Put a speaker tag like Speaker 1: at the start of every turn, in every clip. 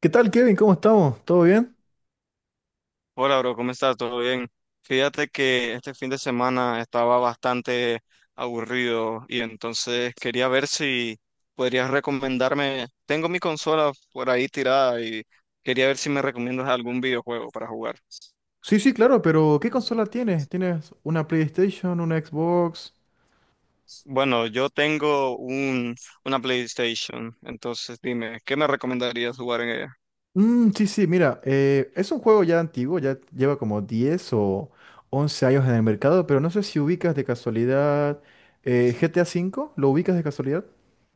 Speaker 1: ¿Qué tal, Kevin? ¿Cómo estamos? ¿Todo bien?
Speaker 2: Hola, bro, ¿cómo estás? ¿Todo bien? Fíjate que este fin de semana estaba bastante aburrido y entonces quería ver si podrías recomendarme. Tengo mi consola por ahí tirada y quería ver si me recomiendas algún videojuego para jugar.
Speaker 1: Sí, sí, claro, pero ¿qué consola tienes? ¿Tienes una PlayStation, una Xbox?
Speaker 2: Bueno, yo tengo una PlayStation, entonces dime, ¿qué me recomendarías jugar en ella?
Speaker 1: Mm, sí, sí, mira, es un juego ya antiguo, ya lleva como 10 o 11 años en el mercado, pero no sé si ubicas de casualidad GTA V, ¿lo ubicas de casualidad?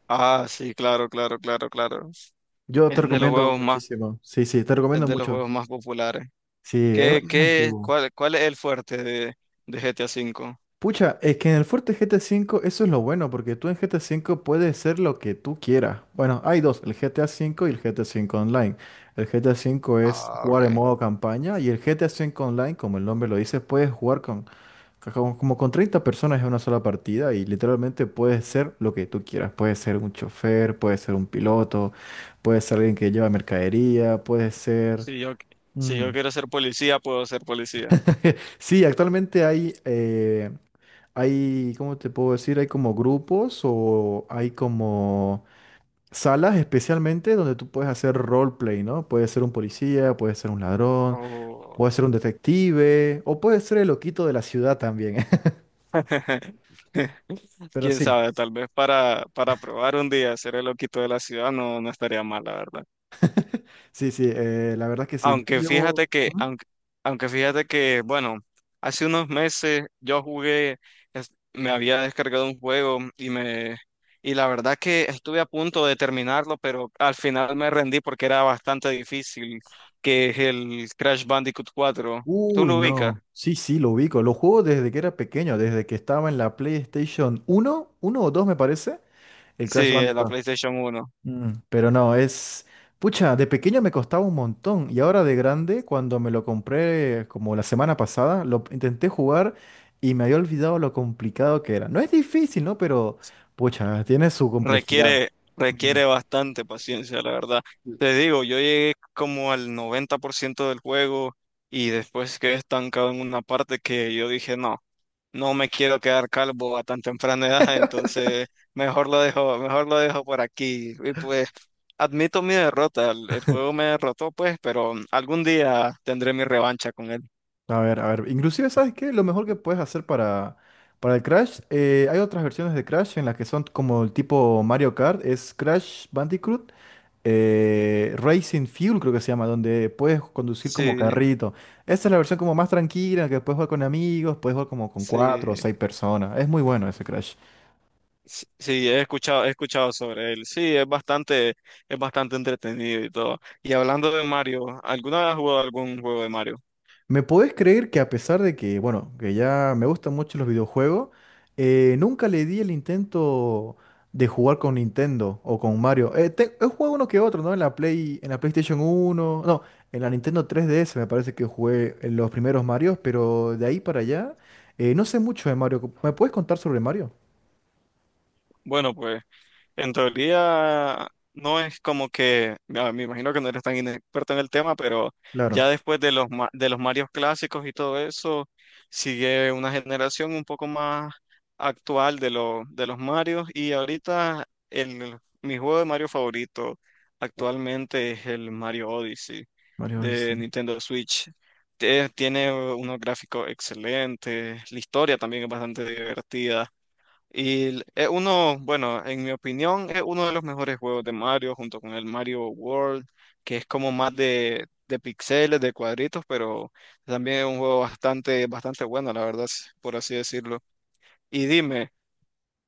Speaker 2: Ah, sí, claro, claro, claro, claro.
Speaker 1: Yo te
Speaker 2: Es de los
Speaker 1: recomiendo
Speaker 2: juegos más,
Speaker 1: muchísimo. Sí, sí, te
Speaker 2: es
Speaker 1: recomiendo
Speaker 2: de los
Speaker 1: mucho.
Speaker 2: juegos más populares.
Speaker 1: Sí, es,
Speaker 2: ¿Qué,
Speaker 1: es
Speaker 2: qué,
Speaker 1: antiguo.
Speaker 2: cuál, cuál es el fuerte de GTA V?
Speaker 1: Pucha, es que en el fuerte GTA V eso es lo bueno, porque tú en GTA V puedes ser lo que tú quieras. Bueno, hay dos, el GTA V y el GTA V Online. El GTA V es
Speaker 2: Ah,
Speaker 1: jugar en
Speaker 2: ok.
Speaker 1: modo campaña y el GTA V Online, como el nombre lo dice, puedes jugar como con 30 personas en una sola partida y literalmente puedes ser lo que tú quieras. Puedes ser un chofer, puedes ser un piloto, puedes ser alguien que lleva mercadería, puedes ser...
Speaker 2: Si yo, si
Speaker 1: mm,
Speaker 2: yo quiero ser policía, puedo ser policía.
Speaker 1: Sí, actualmente hay, ¿cómo te puedo decir? Hay como grupos o hay como salas especialmente donde tú puedes hacer roleplay, ¿no? Puedes ser un policía, puedes ser un ladrón,
Speaker 2: Oh.
Speaker 1: puedes ser un detective o puedes ser el loquito de la ciudad también. Pero
Speaker 2: Quién
Speaker 1: sí,
Speaker 2: sabe, tal vez para probar un día ser el loquito de la ciudad, no, no estaría mal, la verdad.
Speaker 1: sí, sí, la verdad que sí. Yo
Speaker 2: Aunque
Speaker 1: llevo...
Speaker 2: fíjate que,
Speaker 1: Ujú.
Speaker 2: aunque, aunque fíjate que, bueno, hace unos meses yo jugué, me había descargado un juego y la verdad que estuve a punto de terminarlo, pero al final me rendí porque era bastante difícil, que es el Crash Bandicoot 4. ¿Tú
Speaker 1: Uy,
Speaker 2: lo ubicas?
Speaker 1: no. Sí, sí, lo ubico. Lo juego desde que era pequeño, desde que estaba en la PlayStation uno, uno o 2 me parece, el
Speaker 2: Sí,
Speaker 1: Crash
Speaker 2: es la
Speaker 1: Bandicoot.
Speaker 2: PlayStation 1.
Speaker 1: Mm, pero no, es... Pucha, de pequeño me costaba un montón y ahora de grande, cuando me lo compré como la semana pasada, lo intenté jugar y me había olvidado lo complicado que era. No es difícil, ¿no? Pero, pucha, tiene su complejidad.
Speaker 2: Requiere,
Speaker 1: Mm.
Speaker 2: requiere bastante paciencia, la verdad. Te digo, yo llegué como al 90% del juego y después quedé estancado en una parte que yo dije, no, no me quiero quedar calvo a tan temprana edad, entonces mejor lo dejo por aquí. Y pues admito mi derrota, el juego me derrotó, pues, pero algún día tendré mi revancha con él.
Speaker 1: A ver, a ver. Inclusive, ¿sabes qué? Lo mejor que puedes hacer para el Crash, hay otras versiones de Crash en las que son como el tipo Mario Kart, es Crash Bandicoot, Racing Fuel creo que se llama, donde puedes conducir como
Speaker 2: Sí,
Speaker 1: carrito. Esta es la versión como más tranquila, que puedes jugar con amigos, puedes jugar como con cuatro o
Speaker 2: sí.
Speaker 1: seis personas. Es muy bueno ese Crash.
Speaker 2: Sí, sí, he escuchado sobre él. Sí, es bastante entretenido y todo. Y hablando de Mario, ¿alguna vez has jugado algún juego de Mario?
Speaker 1: ¿Me podés creer que a pesar de que, bueno, que ya me gustan mucho los videojuegos, nunca le di el intento de jugar con Nintendo o con Mario? He jugado uno que otro, ¿no? En la PlayStation uno, no, en la Nintendo 3DS me parece que jugué en los primeros Marios, pero de ahí para allá, no sé mucho de Mario. ¿Me puedes contar sobre Mario?
Speaker 2: Bueno, pues. En teoría, no es como que, ah, me imagino que no eres tan inexperto en el tema, pero
Speaker 1: Claro.
Speaker 2: ya después de los Marios clásicos y todo eso, sigue una generación un poco más actual de los Marios y ahorita mi juego de Mario favorito actualmente es el Mario Odyssey
Speaker 1: Mario
Speaker 2: de
Speaker 1: Odyssey.
Speaker 2: Nintendo Switch. Tiene unos gráficos excelentes, la historia también es bastante divertida. Es uno, bueno, en mi opinión, es uno de los mejores juegos de Mario junto con el Mario World, que es como más de píxeles, de cuadritos, pero también es un juego bastante, bastante bueno, la verdad, por así decirlo. Y dime,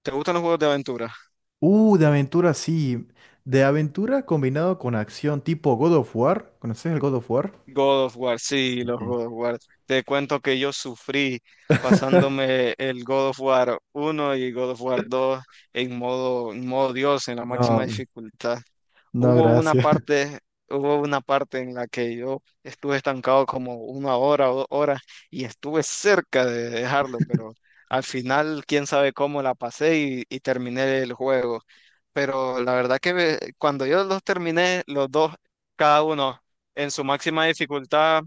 Speaker 2: ¿te gustan los juegos de aventura?
Speaker 1: De aventura, sí. De aventura combinado con acción tipo God of War. ¿Conoces el God of War?
Speaker 2: God of War, sí, los
Speaker 1: Sí.
Speaker 2: God of War. Te cuento que yo sufrí pasándome el God of War 1 y God of War 2 en modo Dios, en la máxima
Speaker 1: No.
Speaker 2: dificultad.
Speaker 1: No,
Speaker 2: Hubo una
Speaker 1: gracias.
Speaker 2: parte, hubo una parte en la que yo estuve estancado como una hora o 2 horas y estuve cerca de dejarlo, pero al final quién sabe cómo la pasé y terminé el juego. Pero la verdad que cuando yo los terminé, los dos, cada uno en su máxima dificultad,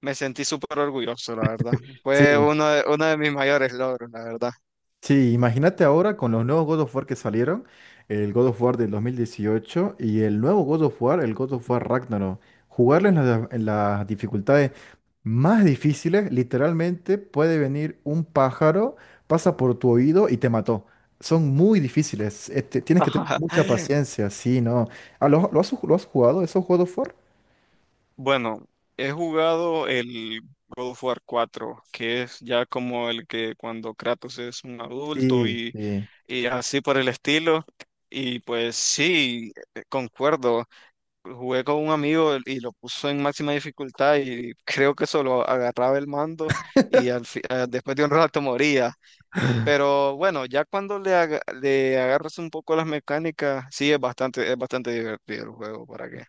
Speaker 2: me sentí súper orgulloso, la verdad. Fue
Speaker 1: Sí,
Speaker 2: uno de mis mayores logros, la verdad.
Speaker 1: sí, imagínate ahora con los nuevos God of War que salieron, el God of War del 2018 y el nuevo God of War, el God of War Ragnarok. Jugarlo en las dificultades más difíciles, literalmente puede venir un pájaro, pasa por tu oído y te mató. Son muy difíciles, este, tienes que tener mucha paciencia, sí, ¿no? Ah, lo has jugado esos God of War?
Speaker 2: Bueno, he jugado el God of War 4, que es ya como el que cuando Kratos es un adulto
Speaker 1: Sí,
Speaker 2: y,
Speaker 1: sí.
Speaker 2: y así por el estilo. Y pues sí, concuerdo. Jugué con un amigo y lo puso en máxima dificultad y creo que solo agarraba el mando y después de un rato moría. Pero bueno, ya cuando le agarras un poco las mecánicas, sí es bastante divertido el juego, ¿para qué?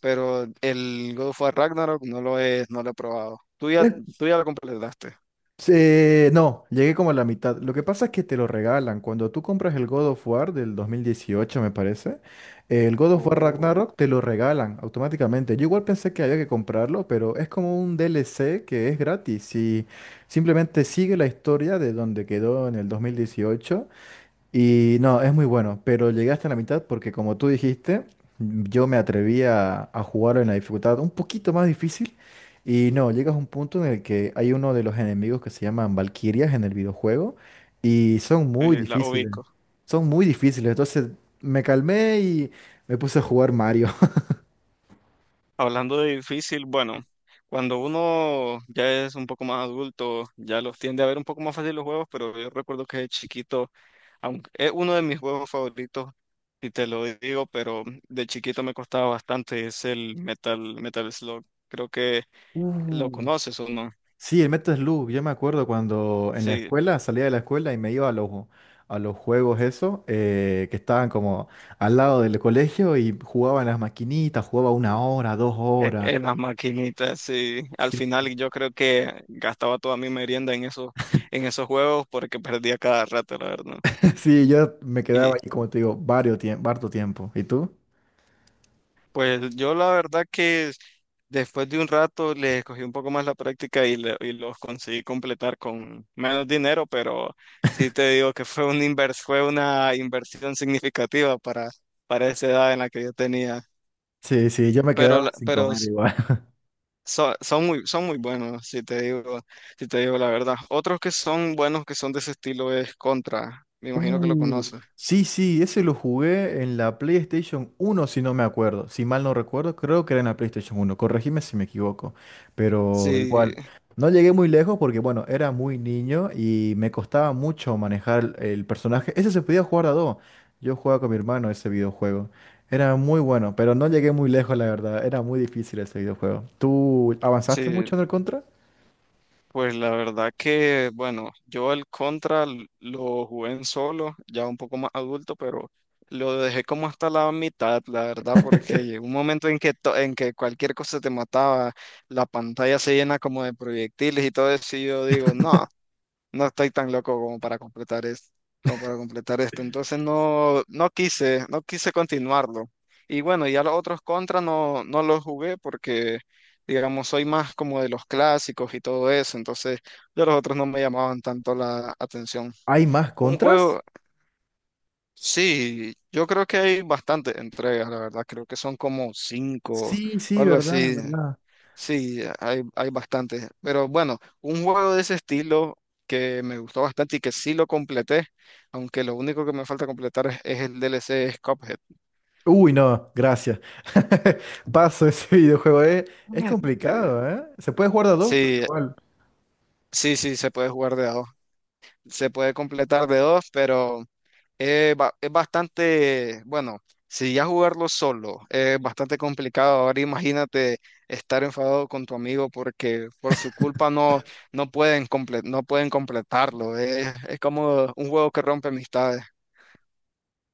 Speaker 2: Pero el God of War Ragnarok no lo he probado. Tú ya lo completaste.
Speaker 1: No, llegué como a la mitad. Lo que pasa es que te lo regalan. Cuando tú compras el God of War del 2018, me parece, el God of War
Speaker 2: Oh,
Speaker 1: Ragnarok te lo regalan automáticamente. Yo igual pensé que había que comprarlo, pero es como un DLC que es gratis y simplemente sigue la historia de donde quedó en el 2018. Y no, es muy bueno, pero llegué hasta la mitad porque como tú dijiste, yo me atreví a jugar en la dificultad un poquito más difícil y no, llegas a un punto en el que hay uno de los enemigos que se llaman Valquirias en el videojuego y
Speaker 2: sí, la ubico.
Speaker 1: son muy difíciles, entonces me calmé y me puse a jugar Mario.
Speaker 2: Hablando de difícil, bueno, cuando uno ya es un poco más adulto, ya los tiende a ver un poco más fácil los juegos, pero yo recuerdo que de chiquito, aunque es uno de mis juegos favoritos, y te lo digo, pero de chiquito me costaba bastante, es el Metal Slug. Creo que lo
Speaker 1: Uh.
Speaker 2: conoces o no.
Speaker 1: Sí, el Metasloop, yo me acuerdo cuando en la
Speaker 2: Sí,
Speaker 1: escuela, salía de la escuela y me iba a los juegos eso, que estaban como al lado del colegio y jugaba en las maquinitas, jugaba una hora, dos
Speaker 2: E-
Speaker 1: horas.
Speaker 2: En las maquinitas, sí. Al
Speaker 1: Sí,
Speaker 2: final yo creo que gastaba toda mi merienda en esos juegos porque perdía cada rato, la verdad.
Speaker 1: sí, yo me
Speaker 2: Y
Speaker 1: quedaba ahí, como te digo, varios tiempo, harto tiempo. ¿Y tú?
Speaker 2: pues yo la verdad que después de un rato le cogí un poco más la práctica y los conseguí completar con menos dinero, pero sí te digo que fue una inversión significativa para esa edad en la que yo tenía.
Speaker 1: Sí, sí, yo me
Speaker 2: Pero,
Speaker 1: quedaba
Speaker 2: la-
Speaker 1: sin
Speaker 2: pero
Speaker 1: comer igual.
Speaker 2: son muy buenos, si te digo la verdad. Otros que son buenos, que son de ese estilo, es Contra. Me imagino que lo
Speaker 1: Uh,
Speaker 2: conoces.
Speaker 1: sí, sí, ese lo jugué en la PlayStation uno, si no me acuerdo. Si mal no recuerdo, creo que era en la PlayStation uno. Corregime si me equivoco. Pero
Speaker 2: Sí,
Speaker 1: igual, no llegué muy lejos porque, bueno, era muy niño y me costaba mucho manejar el personaje. Ese se podía jugar a dos. Yo jugaba con mi hermano ese videojuego. Era muy bueno, pero no llegué muy lejos, la verdad. Era muy difícil ese videojuego. ¿Tú avanzaste
Speaker 2: sí,
Speaker 1: mucho en el Contra?
Speaker 2: pues la verdad que, bueno, yo el Contra lo jugué en solo, ya un poco más adulto, pero lo dejé como hasta la mitad, la verdad, porque llegó un momento en que cualquier cosa te mataba, la pantalla se llena como de proyectiles y todo eso, y yo digo, no. No estoy tan loco como para completar esto, como para completar esto. Entonces no, no quise continuarlo. Y bueno, ya los otros contra no, no los jugué porque, digamos, soy más como de los clásicos y todo eso. Entonces, ya los otros no me llamaban tanto la atención.
Speaker 1: ¿Hay más
Speaker 2: Un
Speaker 1: Contras?
Speaker 2: juego, sí, yo creo que hay bastantes entregas, la verdad. Creo que son como cinco
Speaker 1: Sí,
Speaker 2: o
Speaker 1: sí,
Speaker 2: algo
Speaker 1: verdad,
Speaker 2: así.
Speaker 1: verdad.
Speaker 2: Sí, hay bastantes. Pero bueno, un juego de ese estilo que me gustó bastante y que sí lo completé, aunque lo único que me falta completar es el DLC es Cuphead.
Speaker 1: Uy, no, gracias. Paso ese videojuego, eh. Es
Speaker 2: Eh,
Speaker 1: complicado, ¿eh? Se puede jugar de a dos, pero
Speaker 2: Sí,
Speaker 1: igual.
Speaker 2: sí, sí, se puede jugar de a dos. Se puede completar de dos, pero es bastante, bueno, si ya jugarlo solo es bastante complicado. Ahora imagínate estar enfadado con tu amigo porque por su culpa no pueden completarlo. Es como un juego que rompe amistades.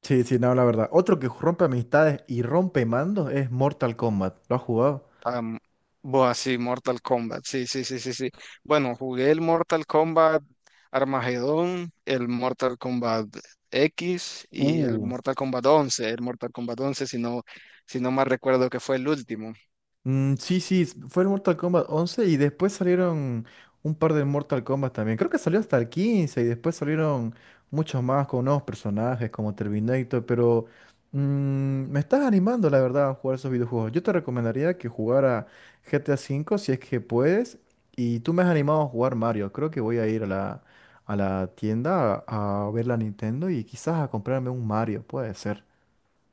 Speaker 1: Sí, sí, no, la verdad. Otro que rompe amistades y rompe mandos es Mortal Kombat. ¿Lo has jugado?
Speaker 2: Am, bueno, sí, Mortal Kombat. Sí, sí, sí, sí, sí. Bueno, jugué el Mortal Kombat Armagedón, el Mortal Kombat X y el
Speaker 1: Uh.
Speaker 2: Mortal Kombat 11. El Mortal Kombat 11, si no mal recuerdo, que fue el último.
Speaker 1: Mm, sí, sí, fue el Mortal Kombat 11 y después salieron un par de Mortal Kombat también. Creo que salió hasta el 15 y después salieron muchos más con nuevos personajes como Terminator, pero mm, me estás animando, la verdad, a jugar esos videojuegos. Yo te recomendaría que jugara GTA V si es que puedes y tú me has animado a jugar Mario. Creo que voy a ir a la tienda a ver la Nintendo y quizás a comprarme un Mario, puede ser.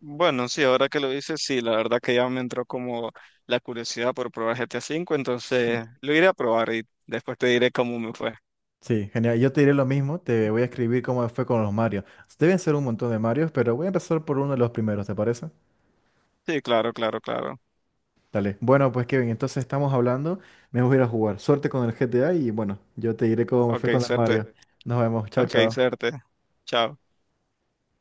Speaker 2: Bueno, sí, ahora que lo dices, sí, la verdad que ya me entró como la curiosidad por probar GTA V, entonces lo iré a probar y después te diré cómo me fue.
Speaker 1: Sí, genial. Yo te diré lo mismo, te voy a escribir cómo fue con los Marios. Deben ser un montón de Marios, pero voy a empezar por uno de los primeros, ¿te parece?
Speaker 2: Sí, claro, claro, claro.
Speaker 1: Dale. Bueno, pues Kevin, entonces estamos hablando, me voy a ir a jugar. Suerte con el GTA y bueno, yo te diré cómo me
Speaker 2: Ok,
Speaker 1: fue con el
Speaker 2: suerte.
Speaker 1: Mario. Nos vemos, chao,
Speaker 2: Ok,
Speaker 1: chao.
Speaker 2: suerte. Chao.